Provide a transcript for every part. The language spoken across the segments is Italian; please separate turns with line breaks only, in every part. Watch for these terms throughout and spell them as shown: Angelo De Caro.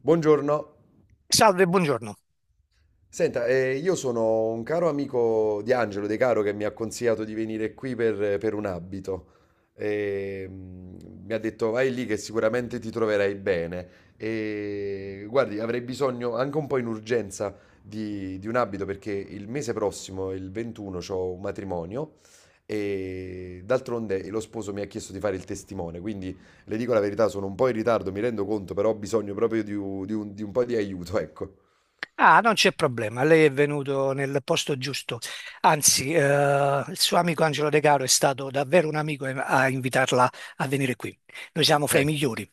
Buongiorno.
Salve, buongiorno.
Senta, io sono un caro amico di Angelo De Caro che mi ha consigliato di venire qui per un abito. E, mi ha detto vai lì che sicuramente ti troverai bene. E guardi, avrei bisogno anche un po' in urgenza di un abito perché il mese prossimo, il 21, ho un matrimonio e d'altronde lo sposo mi ha chiesto di fare il testimone, quindi le dico la verità, sono un po' in ritardo, mi rendo conto, però ho bisogno proprio di un po' di aiuto, ecco.
Ah, non c'è problema, lei è venuto nel posto giusto. Anzi, il suo amico Angelo De Caro è stato davvero un amico a invitarla a venire qui. Noi siamo fra i
Eh,
migliori.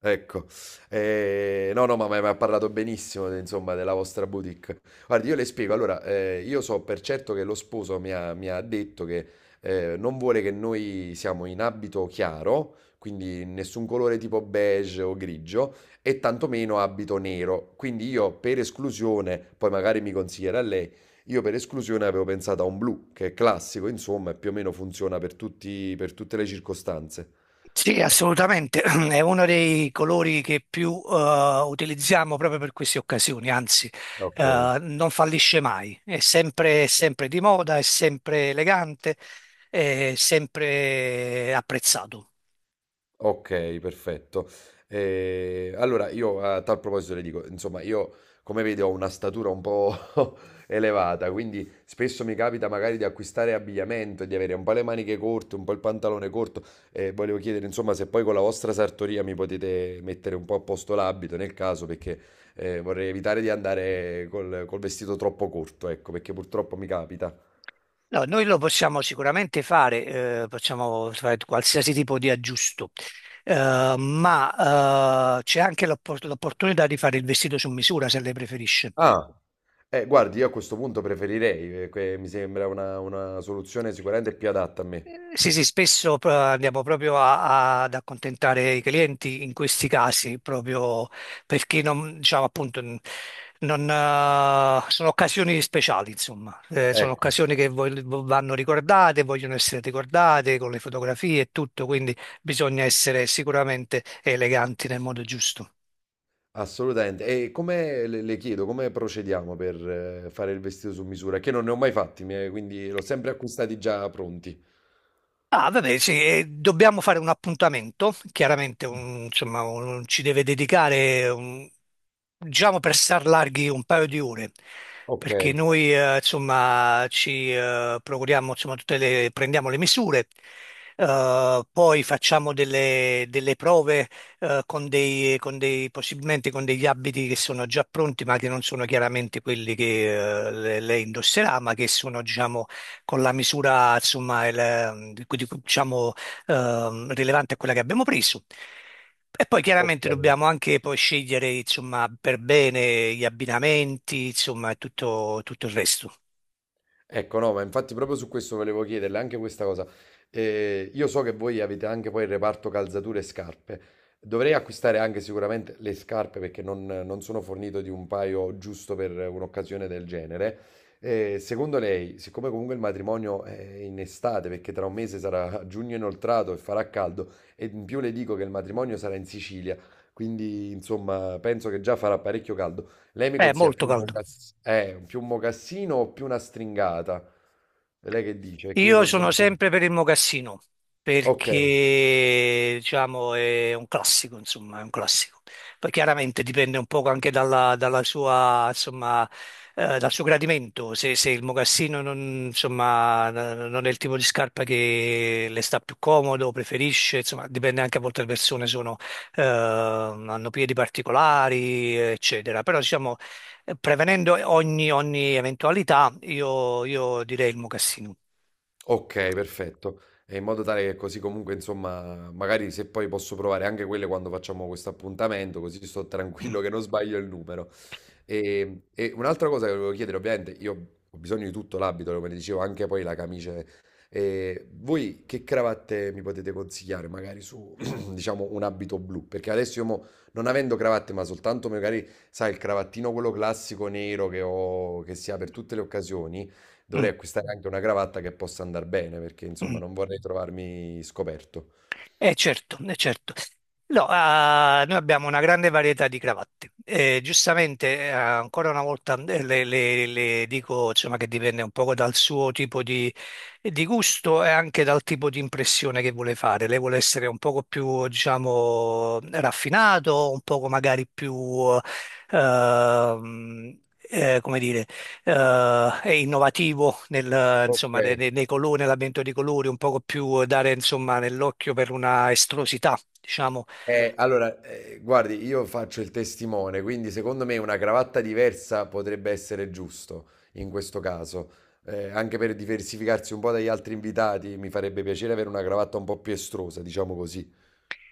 ecco. No, no, ma m'ha parlato benissimo de insomma della vostra boutique. Guardi, io le spiego, allora, io so per certo che lo sposo mi ha detto che, non vuole che noi siamo in abito chiaro, quindi nessun colore tipo beige o grigio, e tantomeno abito nero. Quindi io per esclusione, poi magari mi consiglierà lei, io per esclusione avevo pensato a un blu, che è classico insomma e più o meno funziona per tutte le circostanze.
Sì, assolutamente, è uno dei colori che più utilizziamo proprio per queste occasioni. Anzi,
Okay.
non fallisce mai, è sempre di moda, è sempre elegante, è sempre apprezzato.
Okay, perfetto. Allora io a tal proposito le dico, insomma io come vedi ho una statura un po' elevata, quindi spesso mi capita magari di acquistare abbigliamento e di avere un po' le maniche corte, un po' il pantalone corto e volevo chiedere insomma se poi con la vostra sartoria mi potete mettere un po' a posto l'abito nel caso perché, vorrei evitare di andare col vestito troppo corto, ecco, perché purtroppo mi capita.
No, noi lo possiamo sicuramente fare, possiamo fare qualsiasi tipo di aggiusto. Ma c'è anche l'l'opportunità di fare il vestito su misura se lei preferisce.
Ah! Guardi, io a questo punto preferirei, mi sembra una soluzione sicuramente più adatta a me.
Sì, sì, spesso andiamo proprio ad accontentare i clienti in questi casi, proprio perché non, diciamo, appunto, non, sono occasioni speciali, insomma. Sono
Ecco.
occasioni che vanno ricordate, vogliono essere ricordate con le fotografie e tutto, quindi bisogna essere sicuramente eleganti nel modo giusto.
Assolutamente. E come le chiedo, come procediamo per fare il vestito su misura? Che non ne ho mai fatti, quindi l'ho sempre acquistati già pronti.
Ah, vabbè, sì, dobbiamo fare un appuntamento, chiaramente insomma, ci deve dedicare, diciamo, per star larghi un paio di ore,
Ok,
perché noi insomma, ci procuriamo, insomma, tutte le, prendiamo le misure. Poi facciamo delle prove con dei, possibilmente con degli abiti che sono già pronti, ma che non sono chiaramente quelli che lei indosserà, ma che sono, diciamo, con la misura, insomma, diciamo, rilevante a quella che abbiamo preso. E poi
ok.
chiaramente dobbiamo anche poi scegliere, insomma, per bene gli abbinamenti, insomma, e tutto il resto.
Ecco, no, ma infatti proprio su questo volevo chiederle anche questa cosa. Io so che voi avete anche poi il reparto calzature e scarpe. Dovrei acquistare anche sicuramente le scarpe perché non sono fornito di un paio giusto per un'occasione del genere. Secondo lei, siccome comunque il matrimonio è in estate, perché tra un mese sarà giugno inoltrato e farà caldo, e in più le dico che il matrimonio sarà in Sicilia, quindi insomma penso che già farà parecchio caldo. Lei mi
È
consiglia
molto
più un,
caldo.
mocass- eh, più un mocassino o più una stringata? Lei che dice? Che io
Io
non,
sono
non so.
sempre per il mocassino,
Ok.
perché diciamo è un classico, insomma, è un classico. Poi chiaramente dipende un po' anche dalla, sua, insomma, dal suo gradimento. Se il mocassino non, insomma, non è il tipo di scarpa che le sta più comodo, preferisce, insomma, dipende anche a volte le persone sono, hanno piedi particolari, eccetera. Però diciamo, prevenendo ogni eventualità, io direi il mocassino.
Okay, perfetto. E in modo tale che così comunque, insomma, magari se poi posso provare anche quelle quando facciamo questo appuntamento, così sto tranquillo che non sbaglio il numero. E un'altra cosa che volevo chiedere, ovviamente io ho bisogno di tutto l'abito, come dicevo, anche poi la camice. Voi che cravatte mi potete consigliare? Magari su, diciamo, un abito blu? Perché adesso io non avendo cravatte, ma soltanto magari, sai, il cravattino quello classico nero che ho che si ha per tutte le occasioni. Dovrei
Mm,
acquistare anche una cravatta che possa andar bene, perché
mm.
insomma non vorrei trovarmi scoperto.
Eh certo, eh certo. No, ah, noi abbiamo una grande varietà di cravatte. Giustamente, ancora una volta le dico, insomma, che dipende un poco dal suo tipo di gusto e anche dal tipo di impressione che vuole fare. Lei vuole essere un poco più, diciamo, raffinato, un poco magari più, ehm, come dire, è innovativo nel,
Ok,
insomma, nei colori, nell'avvento di colori, un poco più dare, insomma, nell'occhio per una estrosità, diciamo.
allora, guardi, io faccio il testimone, quindi secondo me una cravatta diversa potrebbe essere giusto in questo caso. Anche per diversificarsi un po' dagli altri invitati, mi farebbe piacere avere una cravatta un po' più estrosa, diciamo così.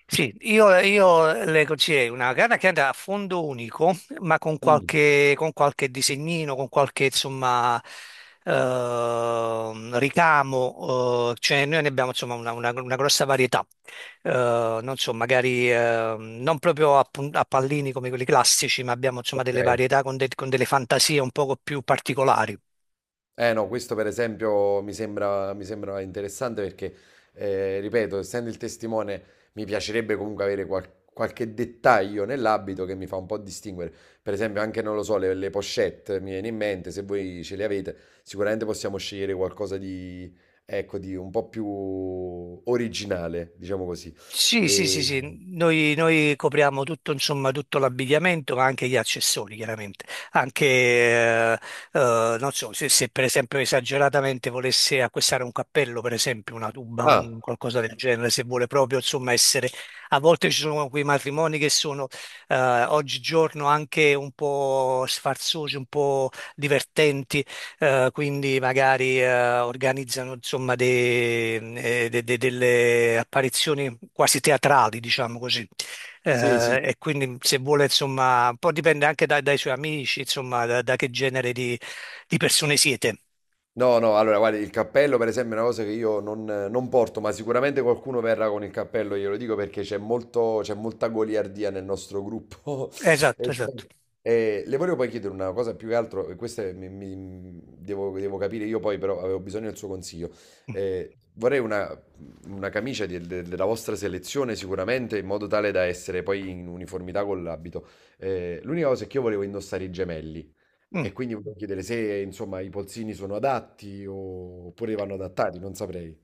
Sì, io leggo c'è una gara che andrà a fondo unico, ma con
Mm,
qualche, con qualche disegnino, con qualche, insomma, ricamo. Cioè noi ne abbiamo, insomma, una grossa varietà. Non so, magari, non proprio a, a pallini come quelli classici, ma abbiamo, insomma, delle
ok.
varietà con delle fantasie un poco più particolari.
Eh no, questo per esempio mi sembra interessante perché, ripeto, essendo il testimone, mi piacerebbe comunque avere qualche dettaglio nell'abito che mi fa un po' distinguere. Per esempio, anche, non lo so, le pochette mi viene in mente, se voi ce le avete, sicuramente possiamo scegliere qualcosa di, ecco, di un po' più originale, diciamo così.
Sì, sì, sì,
E-
sì, noi copriamo tutto, insomma, tutto l'abbigliamento, ma anche gli accessori, chiaramente. Anche, non so, se per esempio esageratamente volesse acquistare un cappello, per esempio, una tuba, un
Ah,
qualcosa del genere, se vuole proprio, insomma, essere. A volte ci sono quei matrimoni che sono, eh, oggigiorno anche un po' sfarzosi, un po' divertenti. Quindi magari organizzano, insomma, delle apparizioni quasi teatrali, diciamo così.
sì, sì.
E quindi se vuole, insomma, un po' dipende anche dai, suoi amici, insomma, da, che genere di persone siete.
No, no, allora guarda, il cappello per esempio è una cosa che io non porto, ma sicuramente qualcuno verrà con il cappello, glielo dico perché c'è molta goliardia nel nostro gruppo. E,
Esatto, esatto.
sì, e le volevo poi chiedere una cosa più che altro, e questa devo capire io poi, però avevo bisogno del suo consiglio.
Mm.
Vorrei una camicia della vostra selezione sicuramente, in modo tale da essere poi in uniformità con l'abito. L'unica cosa è che io volevo indossare i gemelli.
Mm.
E quindi volevo chiedere se, insomma, i polsini sono adatti oppure vanno adattati, non saprei.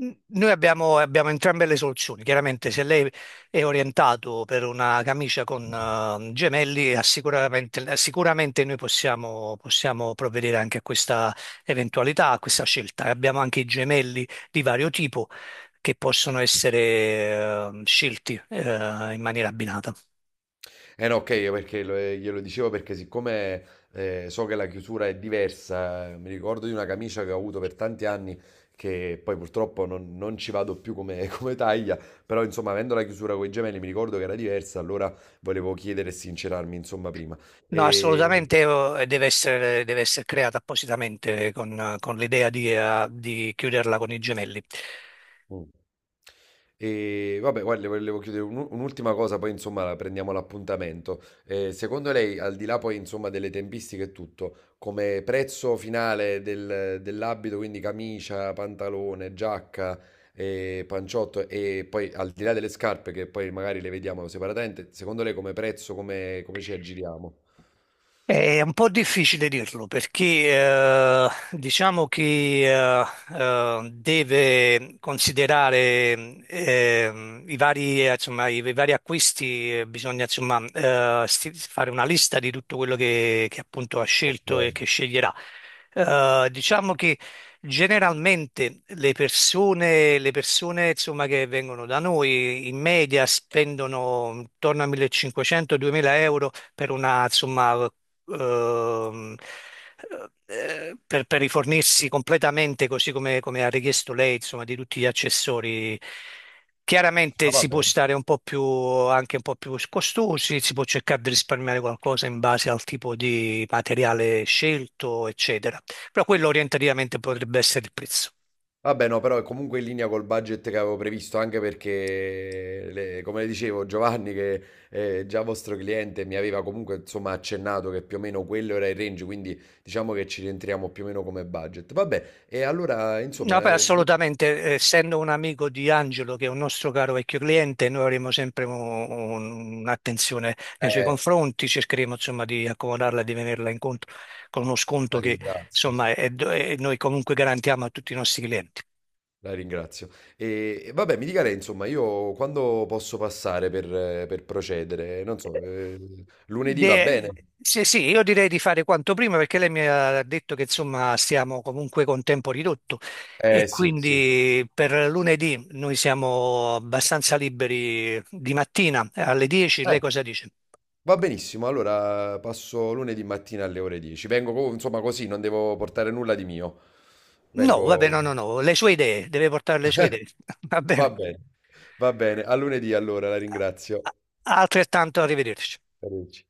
Noi abbiamo entrambe le soluzioni. Chiaramente, se lei è orientato per una camicia con gemelli, ha sicuramente noi possiamo provvedere anche a questa eventualità, a questa scelta. Abbiamo anche i gemelli di vario tipo che possono essere scelti in maniera abbinata.
Eh no, ok, perché glielo dicevo perché siccome so che la chiusura è diversa, mi ricordo di una camicia che ho avuto per tanti anni che poi purtroppo non ci vado più come, come taglia, però insomma, avendo la chiusura con i gemelli mi ricordo che era diversa, allora volevo chiedere e sincerarmi, insomma, prima.
No,
E...
assolutamente, deve essere creata appositamente con l'idea di chiuderla con i gemelli.
Mm. E vabbè, guarda, le volevo chiedere un'ultima cosa, poi insomma la prendiamo l'appuntamento. Secondo lei, al di là poi insomma delle tempistiche e tutto, come prezzo finale dell'abito, quindi camicia, pantalone, giacca, panciotto e poi al di là delle scarpe che poi magari le vediamo separatamente, secondo lei come prezzo, come ci aggiriamo?
È un po' difficile dirlo, perché diciamo che deve considerare, i vari, insomma, i vari acquisti. Bisogna, insomma, fare una lista di tutto quello che appunto ha
Ok,
scelto e che sceglierà. Diciamo che generalmente le persone, insomma, che vengono da noi in media spendono intorno a 1500-2000 euro per una, insomma, ehm, per rifornirsi completamente così come ha richiesto lei, insomma, di tutti gli accessori. Chiaramente
ah,
si può
vabbè.
stare un po' più, anche un po' più costosi, si può cercare di risparmiare qualcosa in base al tipo di materiale scelto, eccetera. Però quello orientativamente potrebbe essere il prezzo.
Vabbè, no, però è comunque in linea col budget che avevo previsto, anche perché, come le dicevo, Giovanni, che è già vostro cliente, mi aveva comunque, insomma, accennato che più o meno quello era il range, quindi diciamo che ci rientriamo più o meno come budget. Vabbè, e allora,
No,
insomma,
beh, assolutamente, essendo un amico di Angelo, che è un nostro caro vecchio cliente, noi avremo sempre un'attenzione nei suoi
eh,
confronti, cercheremo, insomma, di accomodarla, di venirla incontro con uno
la
sconto che,
ringrazio,
insomma, è- noi comunque garantiamo a tutti i nostri clienti.
la ringrazio. E vabbè, mi dica lei, insomma, io quando posso passare per procedere? Non so, lunedì va
De-
bene?
Sì, sì, io direi di fare quanto prima, perché lei mi ha detto che, insomma, stiamo comunque con tempo ridotto, e
Sì, sì.
quindi per lunedì noi siamo abbastanza liberi di mattina alle 10,
Eh.
lei cosa dice?
Va benissimo, allora passo lunedì mattina alle ore 10. Vengo, insomma, così, non devo portare nulla di mio.
No, vabbè,
Vengo...
no, no, no, le sue idee, deve portare le sue idee. Va
Va
bene.
bene, va bene. A lunedì allora, la ringrazio.
Altrettanto, arrivederci.
Arrivederci.